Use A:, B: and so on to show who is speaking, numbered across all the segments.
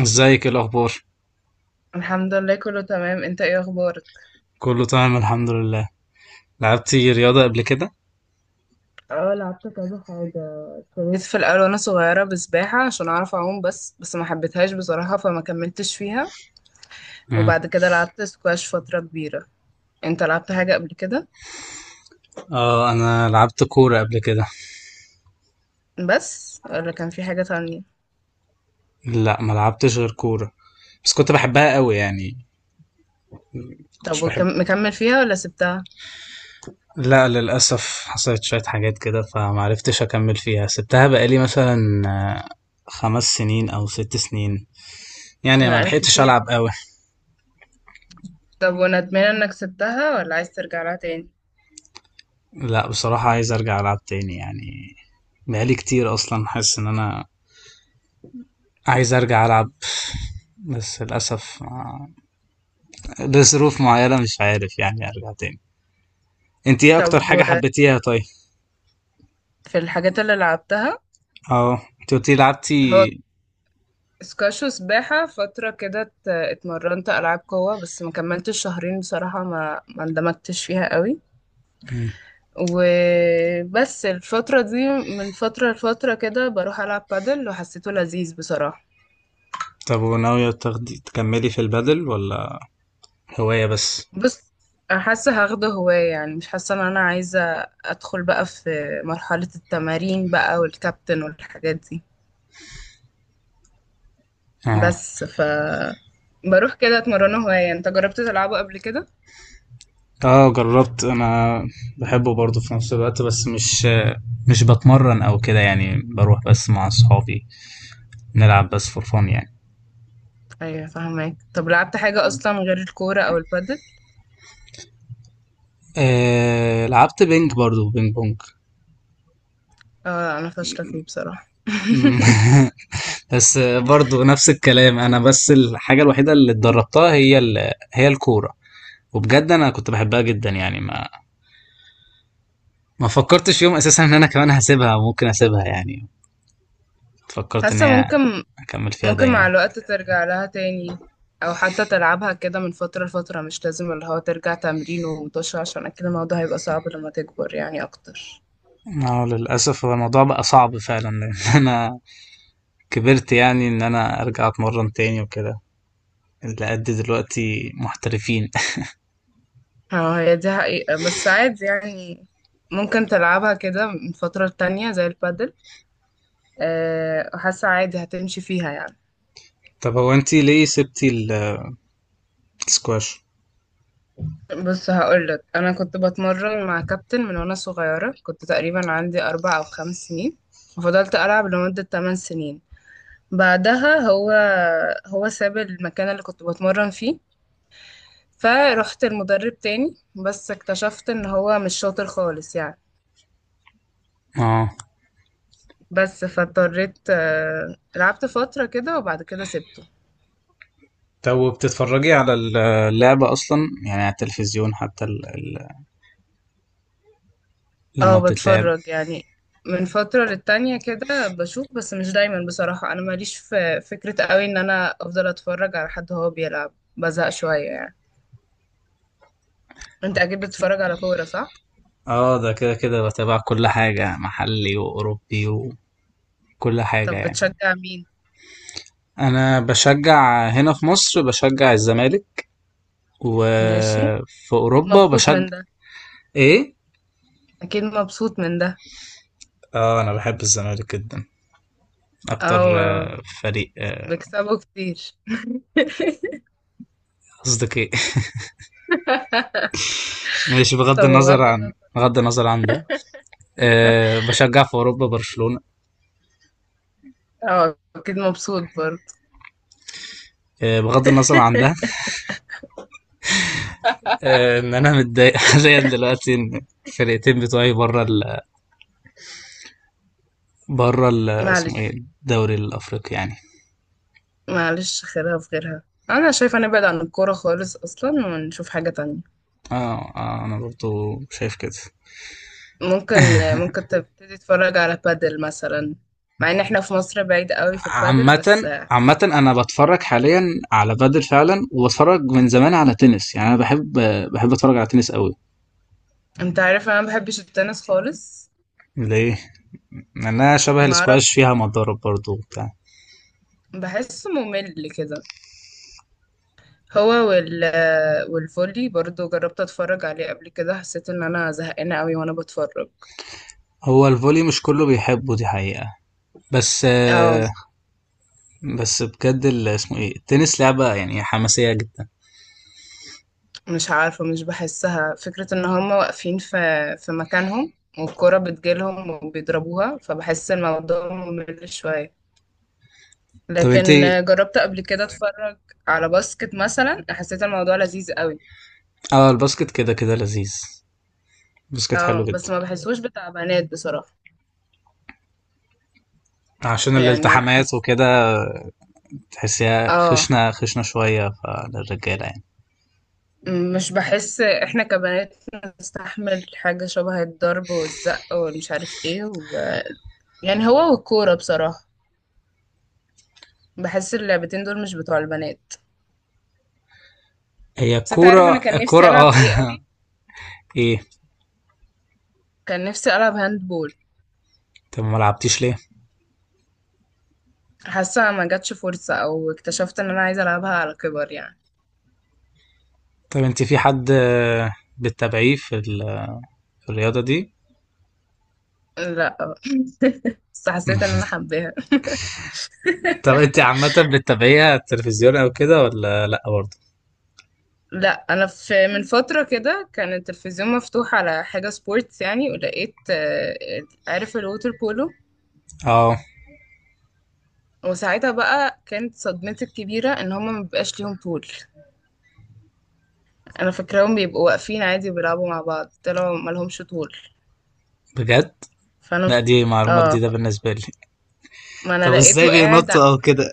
A: ازيك، ايه الاخبار؟
B: الحمد لله كله تمام. انت ايه اخبارك؟
A: كله تمام الحمد لله. لعبتي رياضة قبل كده؟
B: اه لعبت كذا حاجة. جيت ابتديت في الاول وانا صغيره بسباحه عشان اعرف اعوم، بس ما حبيتهاش بصراحه فما كملتش فيها.
A: مم.
B: وبعد كده لعبت سكواش فتره كبيره. انت لعبت حاجه قبل كده؟
A: اه انا لعبت كورة قبل كده.
B: بس ولا كان في حاجه تانية؟
A: لا، ما لعبتش غير كورة، بس كنت بحبها قوي يعني. كنتش بحب.
B: مكمل فيها ولا سبتها؟
A: لا، للاسف حصلت شوية حاجات كده، فمعرفتش اكمل فيها. سبتها بقالي مثلا آه، 5 سنين او 6 سنين، يعني ما
B: بقالك
A: لحقتش
B: كتير
A: العب
B: يعني.
A: قوي.
B: طب وندمان انك سبتها ولا عايز ترجع لها تاني؟
A: لا، بصراحة عايز ارجع العب تاني يعني. بقالي كتير اصلا، حاسس ان انا عايز ارجع العب، بس للاسف لظروف معينة مش عارف يعني ارجع تاني. انت ايه اكتر
B: طب
A: حاجة
B: و-
A: حبيتيها؟ طيب
B: في الحاجات اللي لعبتها.
A: اه، انت قلتي
B: هو
A: لعبتي.
B: سكاش وسباحة فترة كده، اتمرنت ألعاب قوة بس ما كملتش شهرين بصراحة، ما اندمجتش فيها قوي.
A: مم.
B: وبس الفترة دي من فترة لفترة كده بروح ألعب بادل، وحسيته لذيذ بصراحة.
A: طب وناوية تاخدي تكملي في البادل، ولا هواية بس؟
B: بس أنا حاسة هاخده هواية يعني، مش حاسة إن أنا عايزة أدخل بقى في مرحلة التمارين بقى والكابتن والحاجات دي.
A: اه
B: بس ف بروح كده اتمرنه هواية. انت جربت تلعبه قبل كده؟
A: اه، جربت انا. بحبه برضه في نفس الوقت، بس مش بتمرن او كده يعني، بروح بس مع اصحابي نلعب بس فور فun يعني.
B: ايوه فاهمك. طب لعبت حاجة اصلا غير الكورة او البادل؟
A: آه لعبت بينج برضه، بينج بونج.
B: اه انا فاشلة فيه بصراحة.
A: مم. بس برضه نفس الكلام انا، بس الحاجة الوحيدة اللي اتدربتها هي الكورة، وبجد انا كنت بحبها جدا يعني. ما فكرتش يوم اساسا ان انا كمان هسيبها، ممكن اسيبها يعني، فكرت ان
B: حاسة
A: هي
B: ممكن.
A: اكمل فيها
B: ممكن مع
A: دايما.
B: الوقت ترجع لها تاني، او حتى تلعبها كده من فترة لفترة. مش لازم اللي هو ترجع تمرين ومطش، عشان اكيد الموضوع هيبقى صعب لما تكبر يعني اكتر.
A: اه للاسف هو الموضوع بقى صعب فعلا لان انا كبرت، يعني ان انا ارجع اتمرن تاني وكده، اللي قد دلوقتي محترفين
B: اه هي دي حقيقة، بس عادي يعني. ممكن تلعبها كده من فترة تانية زي البادل. حاسة عادي هتمشي فيها يعني.
A: طب هو انتي ليه سبتي السكواش؟
B: بص هقولك، انا كنت بتمرن مع كابتن من وانا صغيره، كنت تقريبا عندي اربع او خمس سنين، وفضلت العب لمده 8 سنين. بعدها هو ساب المكان اللي كنت بتمرن فيه. فرحت المدرب تاني بس اكتشفت ان هو مش شاطر خالص يعني.
A: اه.
B: بس فاضطريت، لعبت فترة كده وبعد كده سبته.
A: طب بتتفرجي على اللعبة أصلا؟ يعني على التلفزيون، حتى لما
B: اه
A: بتتلعب.
B: بتفرج يعني، من فترة للتانية كده بشوف بس مش دايما بصراحة. انا ماليش في فكرة قوي ان انا افضل اتفرج على حد هو بيلعب، بزهق شوية يعني. انت اكيد بتتفرج على كورة صح؟
A: اه ده كده كده بتابع كل حاجة، محلي وأوروبي و... كل حاجة
B: طب
A: يعني.
B: بتشجع مين؟
A: أنا بشجع هنا في مصر، بشجع الزمالك،
B: ماشي.
A: وفي
B: اكيد
A: أوروبا
B: مبسوط
A: بشجع.
B: من ده.
A: إيه؟
B: اكيد مبسوط من ده.
A: آه أنا بحب الزمالك جدا، أكتر
B: اه
A: فريق.
B: بيكسبوا كتير.
A: قصدك إيه؟ ماشي،
B: طب
A: بغض النظر
B: بغض
A: عن
B: النظر.
A: بغض النظر عن ده. بشجع في أوروبا برشلونة.
B: اه اكيد مبسوط برضه.
A: بغض النظر عن ده. إن أنا متضايق حاليا دلوقتي، إن الفرقتين بتوعي بره ال اسمه إيه،
B: معلش.
A: الدوري الأفريقي يعني.
B: معلش خيرها في غيرها. انا شايفه نبعد عن الكوره خالص اصلا ونشوف حاجه تانية.
A: اه اه، انا برضو شايف كده.
B: ممكن. ممكن تبتدي تتفرج على بادل مثلا، مع ان احنا في مصر بعيد قوي في البادل
A: عامةً
B: بس.
A: عامةً أنا باتفرج حاليًا على بادل فعلًا، وباتفرج من زمان على تنس، يعني أنا بحب أتفرج على تنس قوي.
B: انت عارف انا ما بحبش التنس خالص.
A: ليه؟ لأنها شبه
B: ما اعرف.
A: الاسكواش، فيها مضارب برضو وبتاع.
B: بحسه ممل كده. هو وال والفولي برضو جربت اتفرج عليه قبل كده، حسيت ان انا زهقانه قوي وانا بتفرج.
A: هو الفولي مش كله بيحبه، دي حقيقة، بس
B: اه
A: آه، بس بجد اسمه ايه، التنس لعبة يعني حماسية جدا.
B: مش عارفه، مش بحسها. فكره ان هم واقفين في مكانهم والكره بتجيلهم وبيضربوها، فبحس الموضوع ممل شويه.
A: طب
B: لكن
A: انت
B: جربت قبل كده اتفرج على باسكت مثلا، حسيت الموضوع لذيذ قوي.
A: اه الباسكت كده كده لذيذ، الباسكت حلو
B: اه
A: جدا،
B: بس ما بحسوش بتاع بنات بصراحه.
A: عشان
B: يعني
A: الالتحامات
B: حس
A: وكده. تحسيها
B: اه
A: خشنة خشنة شوية، فللرجالة يعني.
B: مش بحس احنا كبنات نستحمل حاجة شبه الضرب والزق والمش عارف ايه و... يعني هو والكورة بصراحة بحس اللعبتين دول مش بتوع البنات.
A: هي
B: بس انت عارف انا
A: الكورة
B: كان
A: الكورة
B: نفسي
A: اه
B: العب ايه قوي.
A: إيه؟
B: كان نفسي العب هاندبول.
A: طب ما لعبتيش ليه؟
B: حاسة ما جاتش فرصة، او اكتشفت ان انا عايزة العبها على كبر يعني.
A: طب انت في حد بتتابعيه في الرياضة دي؟
B: لا، بس حسيت ان انا حباها.
A: طب انت عامة، بتتابعيها التلفزيون او كده، ولا لأ برضه؟
B: لا انا في من فترة كده كان التلفزيون مفتوح على حاجة سبورتس يعني، ولقيت، عارف، الووتر بولو.
A: اه
B: وساعتها بقى كانت صدمتي الكبيرة ان هما مبيبقاش ليهم طول. انا فاكراهم بيبقوا واقفين عادي بيلعبوا مع بعض، طلعوا ملهمش طول.
A: بجد؟
B: فانا مش
A: لأ، دي معلومة
B: اه
A: جديدة
B: ف...
A: بالنسبة لي.
B: ما انا
A: طب ازاي
B: لقيته قاعد ع-
A: بينطوا او كده؟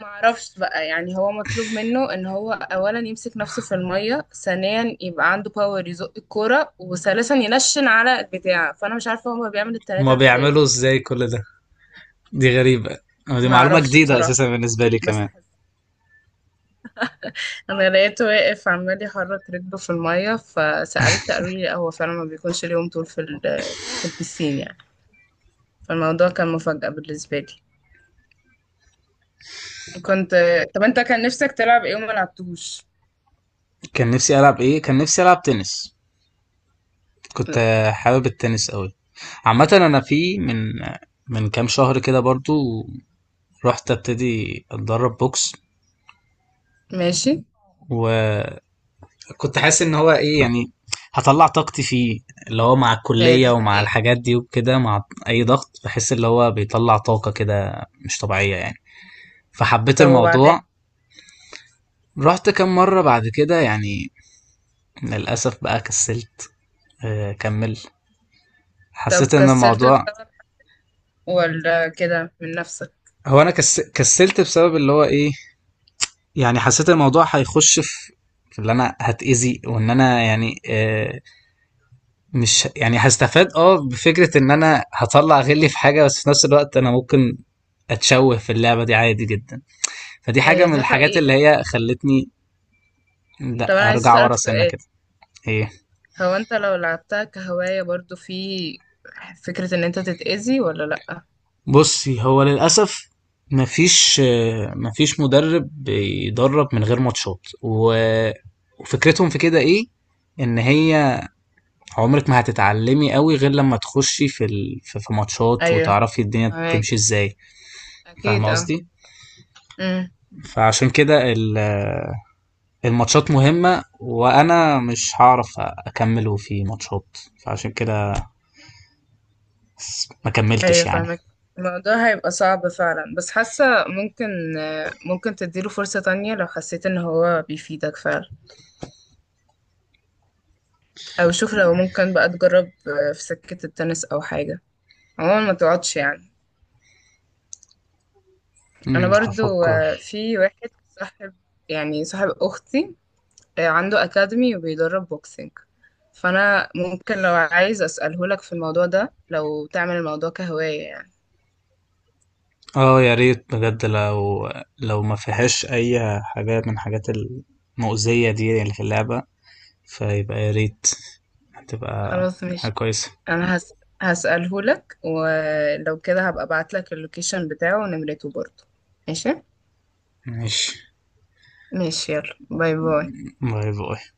B: معرفش بقى يعني، هو مطلوب منه ان هو اولا يمسك نفسه في المية، ثانيا يبقى عنده باور يزق الكورة، وثالثا ينشن على البتاع. فانا مش عارفة هو بيعمل
A: هما
B: التلاتة ازاي.
A: بيعملوا ازاي كل ده؟ دي غريبة، أو دي معلومة
B: معرفش
A: جديدة
B: بصراحة.
A: اساسا بالنسبة لي
B: بس
A: كمان.
B: انا لقيته واقف عمال يحرك رجله في الميه، فسألت، قالوا لي لا هو فعلا ما بيكونش اليوم طول في البسين يعني. فالموضوع كان مفاجأة بالنسبة لي. كنت طب انت كان نفسك تلعب ايه وما لعبتوش؟
A: كان نفسي ألعب ايه؟ كان نفسي ألعب تنس، كنت
B: لا.
A: حابب التنس أوي. عامة أنا في من كام شهر كده برضو، رحت ابتدي اتدرب بوكس،
B: ماشي.
A: وكنت حاسس ان هو ايه يعني، هطلع طاقتي فيه، اللي هو مع
B: هي
A: الكلية
B: دي
A: ومع
B: حقيقة.
A: الحاجات دي وكده، مع اي ضغط بحس اللي هو بيطلع طاقة كده مش طبيعية يعني، فحبيت
B: طب
A: الموضوع.
B: وبعدين؟
A: رحت كم مرة بعد كده يعني، للأسف بقى كسلت، كمل،
B: طب
A: حسيت ان
B: كسلت
A: الموضوع،
B: بسبب ولا كده من نفسك؟
A: هو انا كسلت بسبب اللي هو ايه، يعني حسيت الموضوع هيخش في اللي انا هتأذي، وان انا يعني، مش يعني هستفاد، اه بفكرة ان انا هطلع غلي في حاجة، بس في نفس الوقت انا ممكن اتشوه في اللعبة دي عادي جدا. فدي حاجة
B: هي
A: من
B: دي
A: الحاجات اللي
B: حقيقة.
A: هي خلتني
B: طب انا
A: لا
B: عايز
A: ارجع
B: اسألك
A: ورا سنة
B: سؤال.
A: كده. هي.
B: هو انت لو لعبتها كهواية برضو في فكرة ان انت تتأذي ولا لأ؟
A: بصي هو للأسف مفيش مدرب بيدرب من غير ماتشات، و- وفكرتهم في كده ايه، ان هي عمرك ما هتتعلمي قوي غير لما تخشي في ال... في في ماتشات،
B: ايوه.
A: وتعرفي الدنيا
B: أيوة.
A: تمشي ازاي.
B: اكيد.
A: فاهمة قصدي؟
B: اه
A: فعشان كده الماتشات مهمة، وانا مش هعرف اكمله في ماتشات، فعشان كده ما
B: ايوه
A: كملتش يعني.
B: فاهمك. الموضوع هيبقى صعب فعلا، بس حاسة ممكن. ممكن تديله فرصة تانية لو حسيت ان هو بيفيدك فعلا. او شوف لو ممكن بقى تجرب في سكة التنس او حاجة. عموما ما تقعدش يعني. انا برضو
A: هفكر.
B: في واحد صاحب، يعني صاحب اختي، عنده اكاديمي وبيدرب بوكسينج. فانا ممكن لو عايز اسأله لك في الموضوع ده، لو تعمل الموضوع كهواية يعني.
A: اه يا ريت بجد، لو ما فيهاش اي حاجات من الحاجات المؤذية دي اللي في اللعبة، فيبقى يا ريت، هتبقى
B: خلاص
A: حاجة
B: ماشي.
A: كويسة.
B: انا هس... هسأله لك، ولو كده هبقى ابعت لك اللوكيشن بتاعه ونمرته برضه. ماشي.
A: ماشي،
B: ماشي يلا باي باي.
A: باي باي.